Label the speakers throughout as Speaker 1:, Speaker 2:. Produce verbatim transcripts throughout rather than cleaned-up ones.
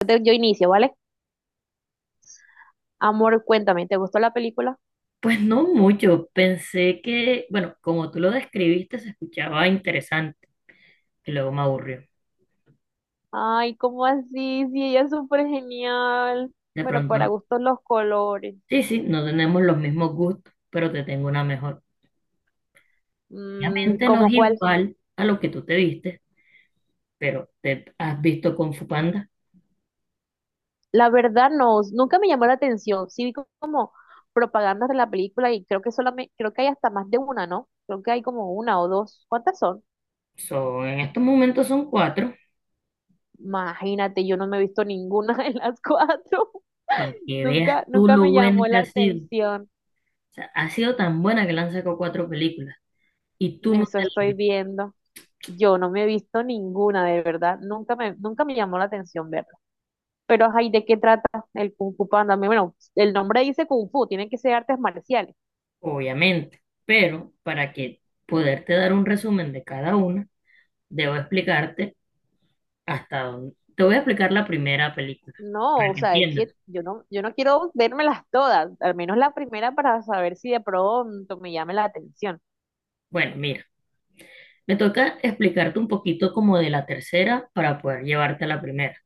Speaker 1: Entonces, yo inicio, ¿vale? Amor, cuéntame, ¿te gustó la película?
Speaker 2: Pues no mucho, pensé que, bueno, como tú lo describiste, se escuchaba interesante y luego me aburrió.
Speaker 1: Ay, ¿cómo así? Sí, ella es súper genial.
Speaker 2: De
Speaker 1: Bueno,
Speaker 2: pronto,
Speaker 1: para
Speaker 2: no.
Speaker 1: gustos los colores.
Speaker 2: Sí, sí, no tenemos los mismos gustos, pero te tengo una mejor.
Speaker 1: Mm,
Speaker 2: Obviamente no es
Speaker 1: ¿cómo cuál?
Speaker 2: igual a lo que tú te viste, pero te has visto con Fupanda.
Speaker 1: La verdad no, nunca me llamó la atención. Sí vi como propagandas de la película y creo que solamente, creo que hay hasta más de una, ¿no? Creo que hay como una o dos. ¿Cuántas son?
Speaker 2: So, en estos momentos son cuatro,
Speaker 1: Imagínate, yo no me he visto ninguna de las cuatro.
Speaker 2: para que veas
Speaker 1: Nunca,
Speaker 2: tú
Speaker 1: nunca
Speaker 2: lo
Speaker 1: me
Speaker 2: buena
Speaker 1: llamó
Speaker 2: que
Speaker 1: la
Speaker 2: ha sido.
Speaker 1: atención.
Speaker 2: O sea, ha sido tan buena que le han sacado cuatro películas y tú no
Speaker 1: Eso
Speaker 2: te las
Speaker 1: estoy
Speaker 2: viste,
Speaker 1: viendo. Yo no me he visto ninguna, de verdad. Nunca me, nunca me llamó la atención verla. Pero, ay, ¿de qué trata el Kung Fu Panda? Bueno, el nombre dice Kung Fu, tienen que ser artes marciales.
Speaker 2: obviamente, pero para que poderte dar un resumen de cada una, debo explicarte hasta dónde. Te voy a explicar la primera película
Speaker 1: No,
Speaker 2: para
Speaker 1: o
Speaker 2: que
Speaker 1: sea, es que
Speaker 2: entiendas.
Speaker 1: yo no, yo no quiero vérmelas todas, al menos la primera para saber si de pronto me llame la atención.
Speaker 2: Bueno, mira, me toca explicarte un poquito como de la tercera para poder llevarte a la primera.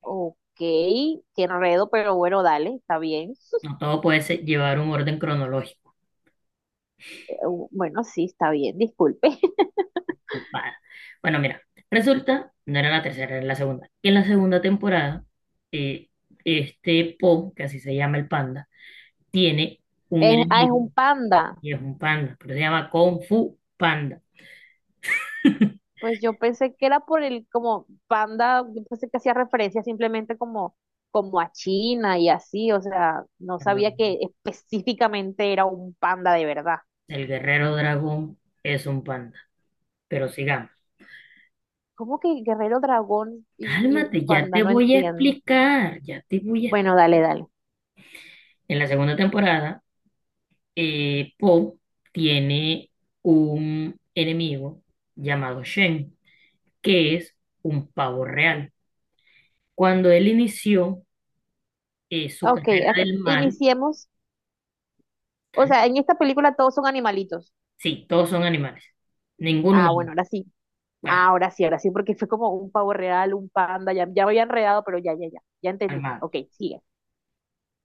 Speaker 1: Ok, qué enredo, pero bueno, dale, está bien.
Speaker 2: No todo puede ser- llevar un orden cronológico.
Speaker 1: Eh, Bueno, sí, está bien, disculpe.
Speaker 2: Va. Bueno, mira, resulta, no era la tercera, era la segunda. Y en la segunda temporada, eh, este Po, que así se llama el panda, tiene un
Speaker 1: Es, ah, es un
Speaker 2: enemigo
Speaker 1: panda.
Speaker 2: y es un panda, pero se llama Kung Fu Panda.
Speaker 1: Pues yo pensé que era por el como panda, yo pensé que hacía referencia simplemente como, como a China y así, o sea, no
Speaker 2: Perdón,
Speaker 1: sabía que específicamente era un panda de verdad.
Speaker 2: el guerrero dragón es un panda. Pero sigamos.
Speaker 1: ¿Cómo que Guerrero Dragón y, y es un
Speaker 2: Cálmate, ya
Speaker 1: panda?
Speaker 2: te
Speaker 1: No
Speaker 2: voy a
Speaker 1: entiendo.
Speaker 2: explicar, ya te voy a...
Speaker 1: Bueno, dale, dale.
Speaker 2: En la segunda temporada, eh, Poe tiene un enemigo llamado Shen, que es un pavo real. Cuando él inició eh, su
Speaker 1: Ok,
Speaker 2: carrera
Speaker 1: ac-
Speaker 2: del mal,
Speaker 1: iniciemos. O
Speaker 2: tal-
Speaker 1: sea, en esta película todos son animalitos.
Speaker 2: sí, todos son animales, ningún
Speaker 1: Ah, bueno,
Speaker 2: humano,
Speaker 1: ahora sí.
Speaker 2: bueno,
Speaker 1: Ahora sí, ahora sí, porque fue como un pavo real, un panda, ya, ya me había enredado, pero ya, ya, ya, ya entendí.
Speaker 2: calmado.
Speaker 1: Ok, sigue.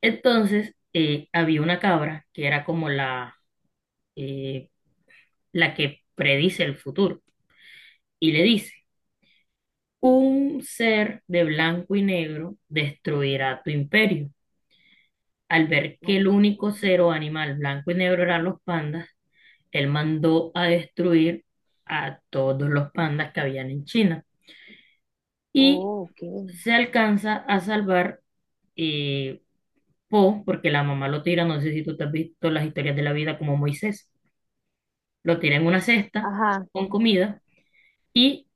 Speaker 2: Entonces, eh, había una cabra que era como la, eh, la que predice el futuro y le dice, "Un ser de blanco y negro destruirá tu imperio". Al ver que el único ser o animal blanco y negro eran los pandas, él mandó a destruir a todos los pandas que habían en China. Y
Speaker 1: Oh, ok.
Speaker 2: se alcanza a salvar eh, Po, porque la mamá lo tira, no sé si tú te has visto las historias de la vida como Moisés, lo tira en una cesta
Speaker 1: Ajá.
Speaker 2: con comida y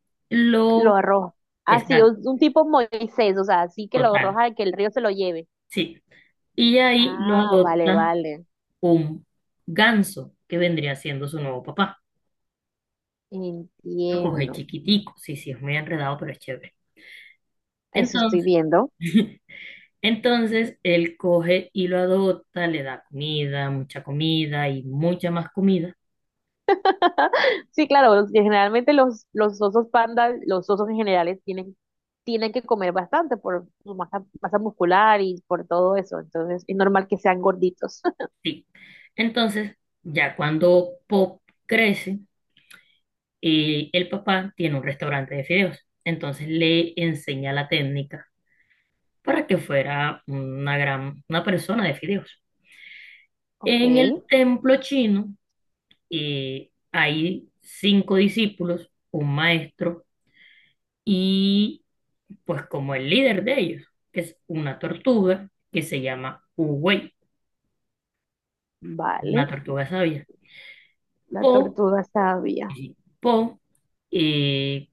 Speaker 1: Lo
Speaker 2: lo...
Speaker 1: arroja. Así,
Speaker 2: Exacto,
Speaker 1: un, un tipo Moisés, o sea, así que lo
Speaker 2: total,
Speaker 1: arroja, y que el río se lo lleve.
Speaker 2: sí. Y ahí lo
Speaker 1: Ah, vale,
Speaker 2: adopta
Speaker 1: vale.
Speaker 2: un ganso, que vendría siendo su nuevo papá. Lo coge
Speaker 1: Entiendo.
Speaker 2: chiquitico, sí, sí, es muy enredado, pero es chévere.
Speaker 1: Eso estoy
Speaker 2: Entonces,
Speaker 1: viendo.
Speaker 2: entonces él coge y lo adopta, le da comida, mucha comida y mucha más comida.
Speaker 1: Sí, claro, los- generalmente los, los osos pandas, los osos en general tienen, tienen que comer bastante por su masa, masa muscular y por todo eso. Entonces, es normal que sean gorditos.
Speaker 2: Sí. Entonces, ya cuando Pop crece, eh, el papá tiene un restaurante de fideos. Entonces le enseña la técnica para que fuera una gran, una persona de fideos.
Speaker 1: Ok,
Speaker 2: En el templo chino, eh, hay cinco discípulos, un maestro y pues como el líder de ellos, que es una tortuga que se llama Uwey, una
Speaker 1: vale.
Speaker 2: tortuga sabia.
Speaker 1: La
Speaker 2: Po,
Speaker 1: tortuga sabia.
Speaker 2: eh, Po eh,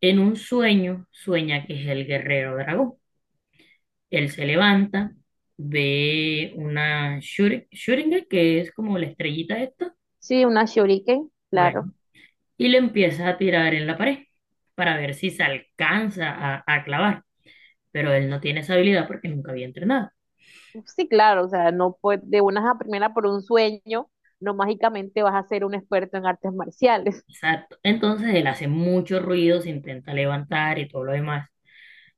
Speaker 2: en un sueño sueña que es el guerrero dragón. Él se levanta, ve una shuri- shuriken, que es como la estrellita esta,
Speaker 1: Sí, una shuriken,
Speaker 2: bueno,
Speaker 1: claro.
Speaker 2: y le empieza a tirar en la pared para ver si se alcanza a a clavar. Pero él no tiene esa habilidad porque nunca había entrenado.
Speaker 1: Sí, claro, o sea, no puede, de una a primera por un sueño, no mágicamente vas a ser un experto en artes marciales,
Speaker 2: Exacto. Entonces él hace mucho ruido, se intenta levantar y todo lo demás,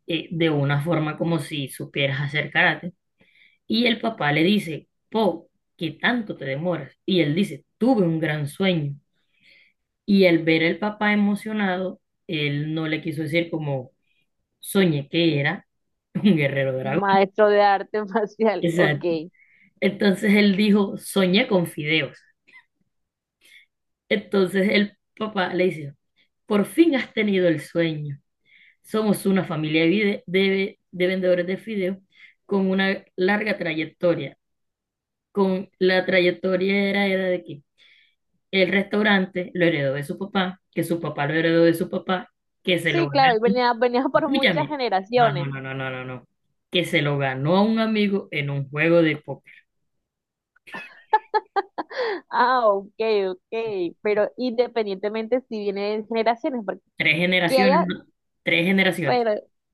Speaker 2: eh, de una forma como si supieras hacer karate. Y el papá le dice, "Po, ¿qué tanto te demoras?". Y él dice, "Tuve un gran sueño". Y al ver al papá emocionado, él no le quiso decir como "soñé que era un guerrero
Speaker 1: un
Speaker 2: dragón".
Speaker 1: maestro de artes marciales,
Speaker 2: Exacto.
Speaker 1: ok.
Speaker 2: Entonces él dijo, "soñé con fideos". Entonces el papá le dice, "por fin has tenido el sueño. Somos una familia de, vide- de- de vendedores de fideos con una larga trayectoria". Con la trayectoria era, era de que el restaurante lo heredó de su papá, que su papá lo heredó de su papá, que se lo
Speaker 1: Sí,
Speaker 2: ganó.
Speaker 1: claro, y venía, venía por muchas
Speaker 2: Escúchame. No, no,
Speaker 1: generaciones.
Speaker 2: no, no, no, no, no. Que se lo ganó a un amigo en un juego de póker.
Speaker 1: Ah, ok, ok, pero independientemente si viene de generaciones, porque
Speaker 2: Tres generaciones,
Speaker 1: haya,
Speaker 2: ¿no? Tres generaciones.
Speaker 1: pero,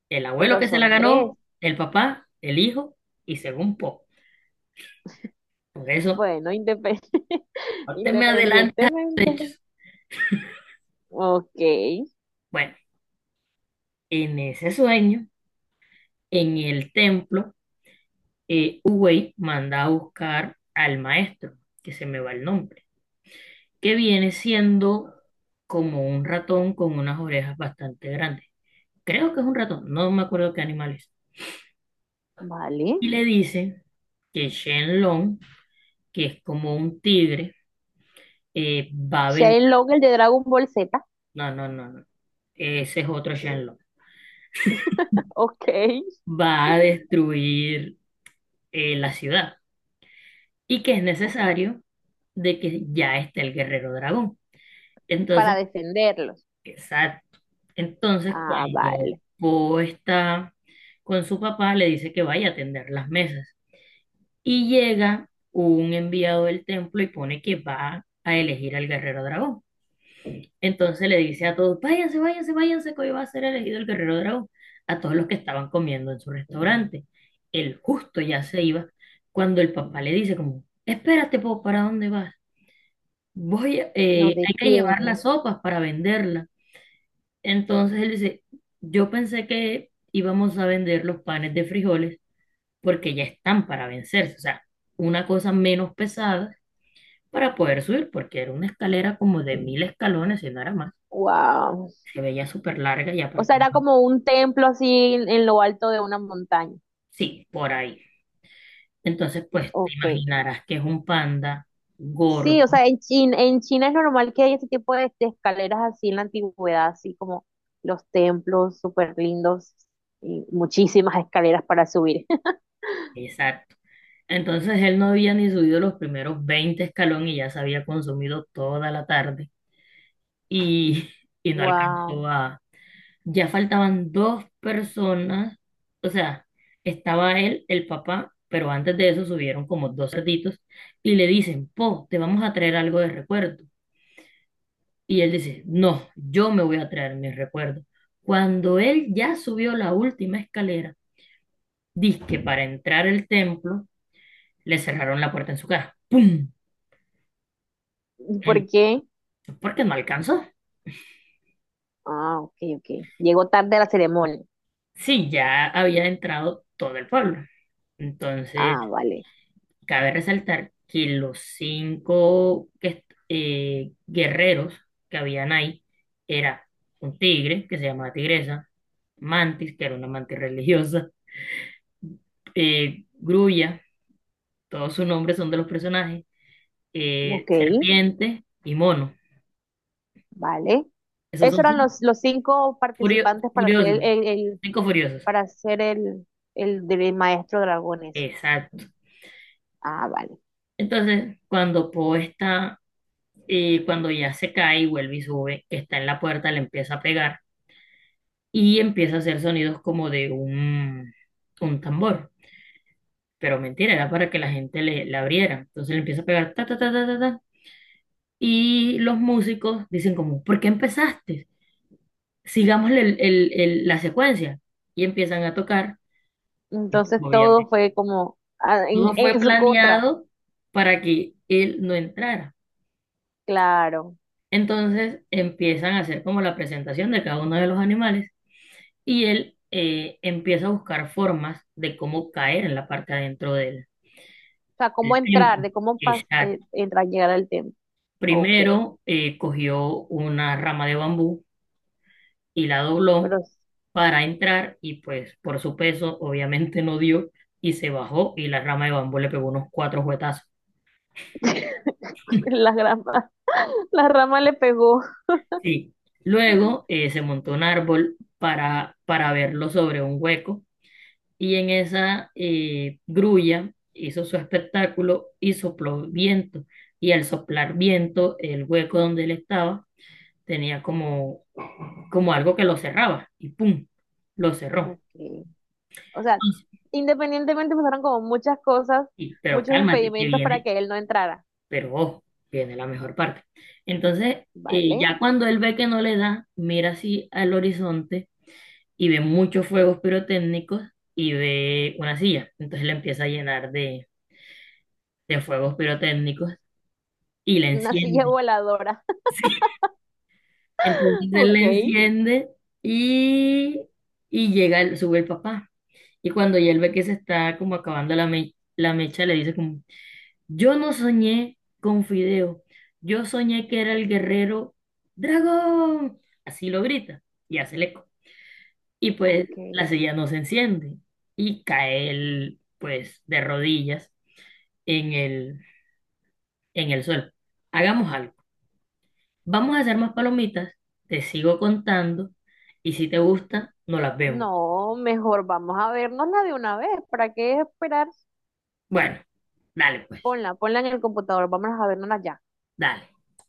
Speaker 2: El abuelo
Speaker 1: pero
Speaker 2: que se la
Speaker 1: son tres,
Speaker 2: ganó, el papá, el hijo y según poco. Por eso,
Speaker 1: bueno, independ-
Speaker 2: no te me
Speaker 1: independientemente,
Speaker 2: adelantes.
Speaker 1: ok,
Speaker 2: Bueno, en ese sueño, en el templo, eh, Uwey manda a buscar al maestro, que se me va el nombre, que viene siendo como un ratón con unas orejas bastante grandes. Creo que es un ratón, no me acuerdo qué animal es.
Speaker 1: vale.
Speaker 2: Y le dice que Shenlong, que es como un tigre, eh, va a venir.
Speaker 1: Shailong, el de Dragon Ball Z,
Speaker 2: No, no, no, no. Ese es otro Shenlong.
Speaker 1: ok,
Speaker 2: Va a destruir eh, la ciudad y que es
Speaker 1: ok,
Speaker 2: necesario de que ya esté el guerrero dragón.
Speaker 1: para
Speaker 2: Entonces
Speaker 1: defenderlos.
Speaker 2: Exacto. Entonces,
Speaker 1: Ah,
Speaker 2: cuando
Speaker 1: vale.
Speaker 2: Po está con su papá, le dice que vaya a atender las mesas. Y llega un enviado del templo y pone que va a elegir al guerrero dragón. Entonces le dice a todos, "váyanse, váyanse, váyanse, que hoy va a ser elegido el guerrero dragón". A todos los que estaban comiendo en su restaurante. El justo ya se iba cuando el papá le dice como, "espérate, Po, ¿para dónde vas?". Voy, a-
Speaker 1: Lo
Speaker 2: eh, hay que llevar
Speaker 1: detiene.
Speaker 2: las sopas para venderlas. Entonces él dice, yo pensé que íbamos a vender los panes de frijoles porque ya están para vencerse, o sea, una cosa menos pesada para poder subir, porque era una escalera como de mil escalones, y no era más,
Speaker 1: Wow.
Speaker 2: se veía súper larga y
Speaker 1: O
Speaker 2: aparte,
Speaker 1: sea, era
Speaker 2: no.
Speaker 1: como un templo así en, en lo alto de una montaña.
Speaker 2: Sí, por ahí. Entonces, pues te
Speaker 1: Ok.
Speaker 2: imaginarás que es un panda gordo,
Speaker 1: Sí, o sea, en China, en China es normal que haya ese tipo de, de escaleras así en la antigüedad, así como los templos súper lindos y muchísimas escaleras para subir.
Speaker 2: exacto. Entonces él no había ni subido los primeros veinte escalones y ya se había consumido toda la tarde y, y no
Speaker 1: Wow.
Speaker 2: alcanzó. Ya faltaban dos personas, o sea, estaba él, el papá, pero antes de eso subieron como dos cerditos y le dicen, "Po, te vamos a traer algo de recuerdo". Y él dice, "no, yo me voy a traer mis recuerdos". Cuando él ya subió la última escalera, que para entrar al templo, le cerraron la puerta en su cara. ¡Pum!
Speaker 1: ¿Por qué?
Speaker 2: Porque no alcanzó.
Speaker 1: Ah, ok, ok. Llegó tarde a la ceremonia.
Speaker 2: Sí, ya había entrado todo el pueblo. Entonces,
Speaker 1: Ah, vale.
Speaker 2: cabe resaltar que los cinco que est- eh, guerreros que habían ahí era un tigre que se llamaba Tigresa, Mantis, que era una mantis religiosa, eh, Grulla, todos sus nombres son de los personajes, eh,
Speaker 1: Ok.
Speaker 2: Serpiente y Mono.
Speaker 1: Vale.
Speaker 2: Esos
Speaker 1: Esos
Speaker 2: son
Speaker 1: eran
Speaker 2: sus
Speaker 1: los, los cinco
Speaker 2: furio-
Speaker 1: participantes para ser el,
Speaker 2: furiosos,
Speaker 1: el- el-
Speaker 2: cinco furiosos.
Speaker 1: para ser el, el, del maestro dragones.
Speaker 2: Exacto.
Speaker 1: Ah, vale.
Speaker 2: Entonces, cuando Poe está, eh, cuando ya se cae y vuelve y sube, que está en la puerta, le empieza a pegar y empieza a hacer sonidos como de un, un tambor. Pero mentira, era para que la gente le, la abriera. Entonces le empieza a pegar ta, ta, ta, ta, ta, ta. Y los músicos dicen como, "¿por qué empezaste? Sigamos el- el- el- la secuencia". Y empiezan a tocar.
Speaker 1: Entonces
Speaker 2: Obviamente,
Speaker 1: todo fue como ah,
Speaker 2: todo
Speaker 1: en,
Speaker 2: fue
Speaker 1: en su contra,
Speaker 2: planeado para que él no entrara.
Speaker 1: claro.
Speaker 2: Entonces empiezan a hacer como la presentación de cada uno de los animales y él eh, empieza a buscar formas de cómo caer en la parte adentro del.
Speaker 1: O sea, cómo
Speaker 2: El tiempo.
Speaker 1: entrar, de cómo pas- eh,
Speaker 2: Exacto.
Speaker 1: entrar, llegar al templo. Ok,
Speaker 2: Primero eh, cogió una rama de bambú y la dobló
Speaker 1: pero
Speaker 2: para entrar y pues por su peso obviamente no dio y se bajó y la rama de bambú le pegó unos cuatro juetazos.
Speaker 1: la rama, la rama le pegó.
Speaker 2: Sí. Luego eh, se montó un árbol para, para verlo sobre un hueco y en esa eh, grulla hizo su espectáculo y sopló viento y al soplar viento el hueco donde él estaba tenía como como algo que lo cerraba y ¡pum! Lo cerró.
Speaker 1: Ok. O sea,
Speaker 2: Entonces,
Speaker 1: independientemente pasaron como muchas cosas,
Speaker 2: sí, pero
Speaker 1: muchos
Speaker 2: cálmate, que
Speaker 1: impedimentos para
Speaker 2: viene,
Speaker 1: que él no entrara.
Speaker 2: pero ojo, viene la mejor parte. Entonces, eh,
Speaker 1: Vale.
Speaker 2: ya cuando él ve que no le da, mira así al horizonte y ve muchos fuegos pirotécnicos y ve una silla. Entonces le empieza a llenar de, de fuegos pirotécnicos y la
Speaker 1: Una silla
Speaker 2: enciende.
Speaker 1: voladora.
Speaker 2: Sí. Entonces él la
Speaker 1: Ok,
Speaker 2: enciende y, y llega, el- sube el papá. Y cuando ya él ve que se está como acabando la, me- la mecha, le dice como, "yo no soñé con Fideo, yo soñé que era el guerrero dragón". Así lo grita y hace el eco. Y pues la
Speaker 1: ok.
Speaker 2: silla no se enciende y cae él pues de rodillas en el, en el suelo. Hagamos algo. Vamos a hacer más palomitas, te sigo contando y si te gusta, no las vemos.
Speaker 1: No, mejor vamos a vernosla de una vez. ¿Para qué esperar?
Speaker 2: Bueno, dale pues,
Speaker 1: Ponla, ponla en el computador, vamos a vernosla ya.
Speaker 2: dale.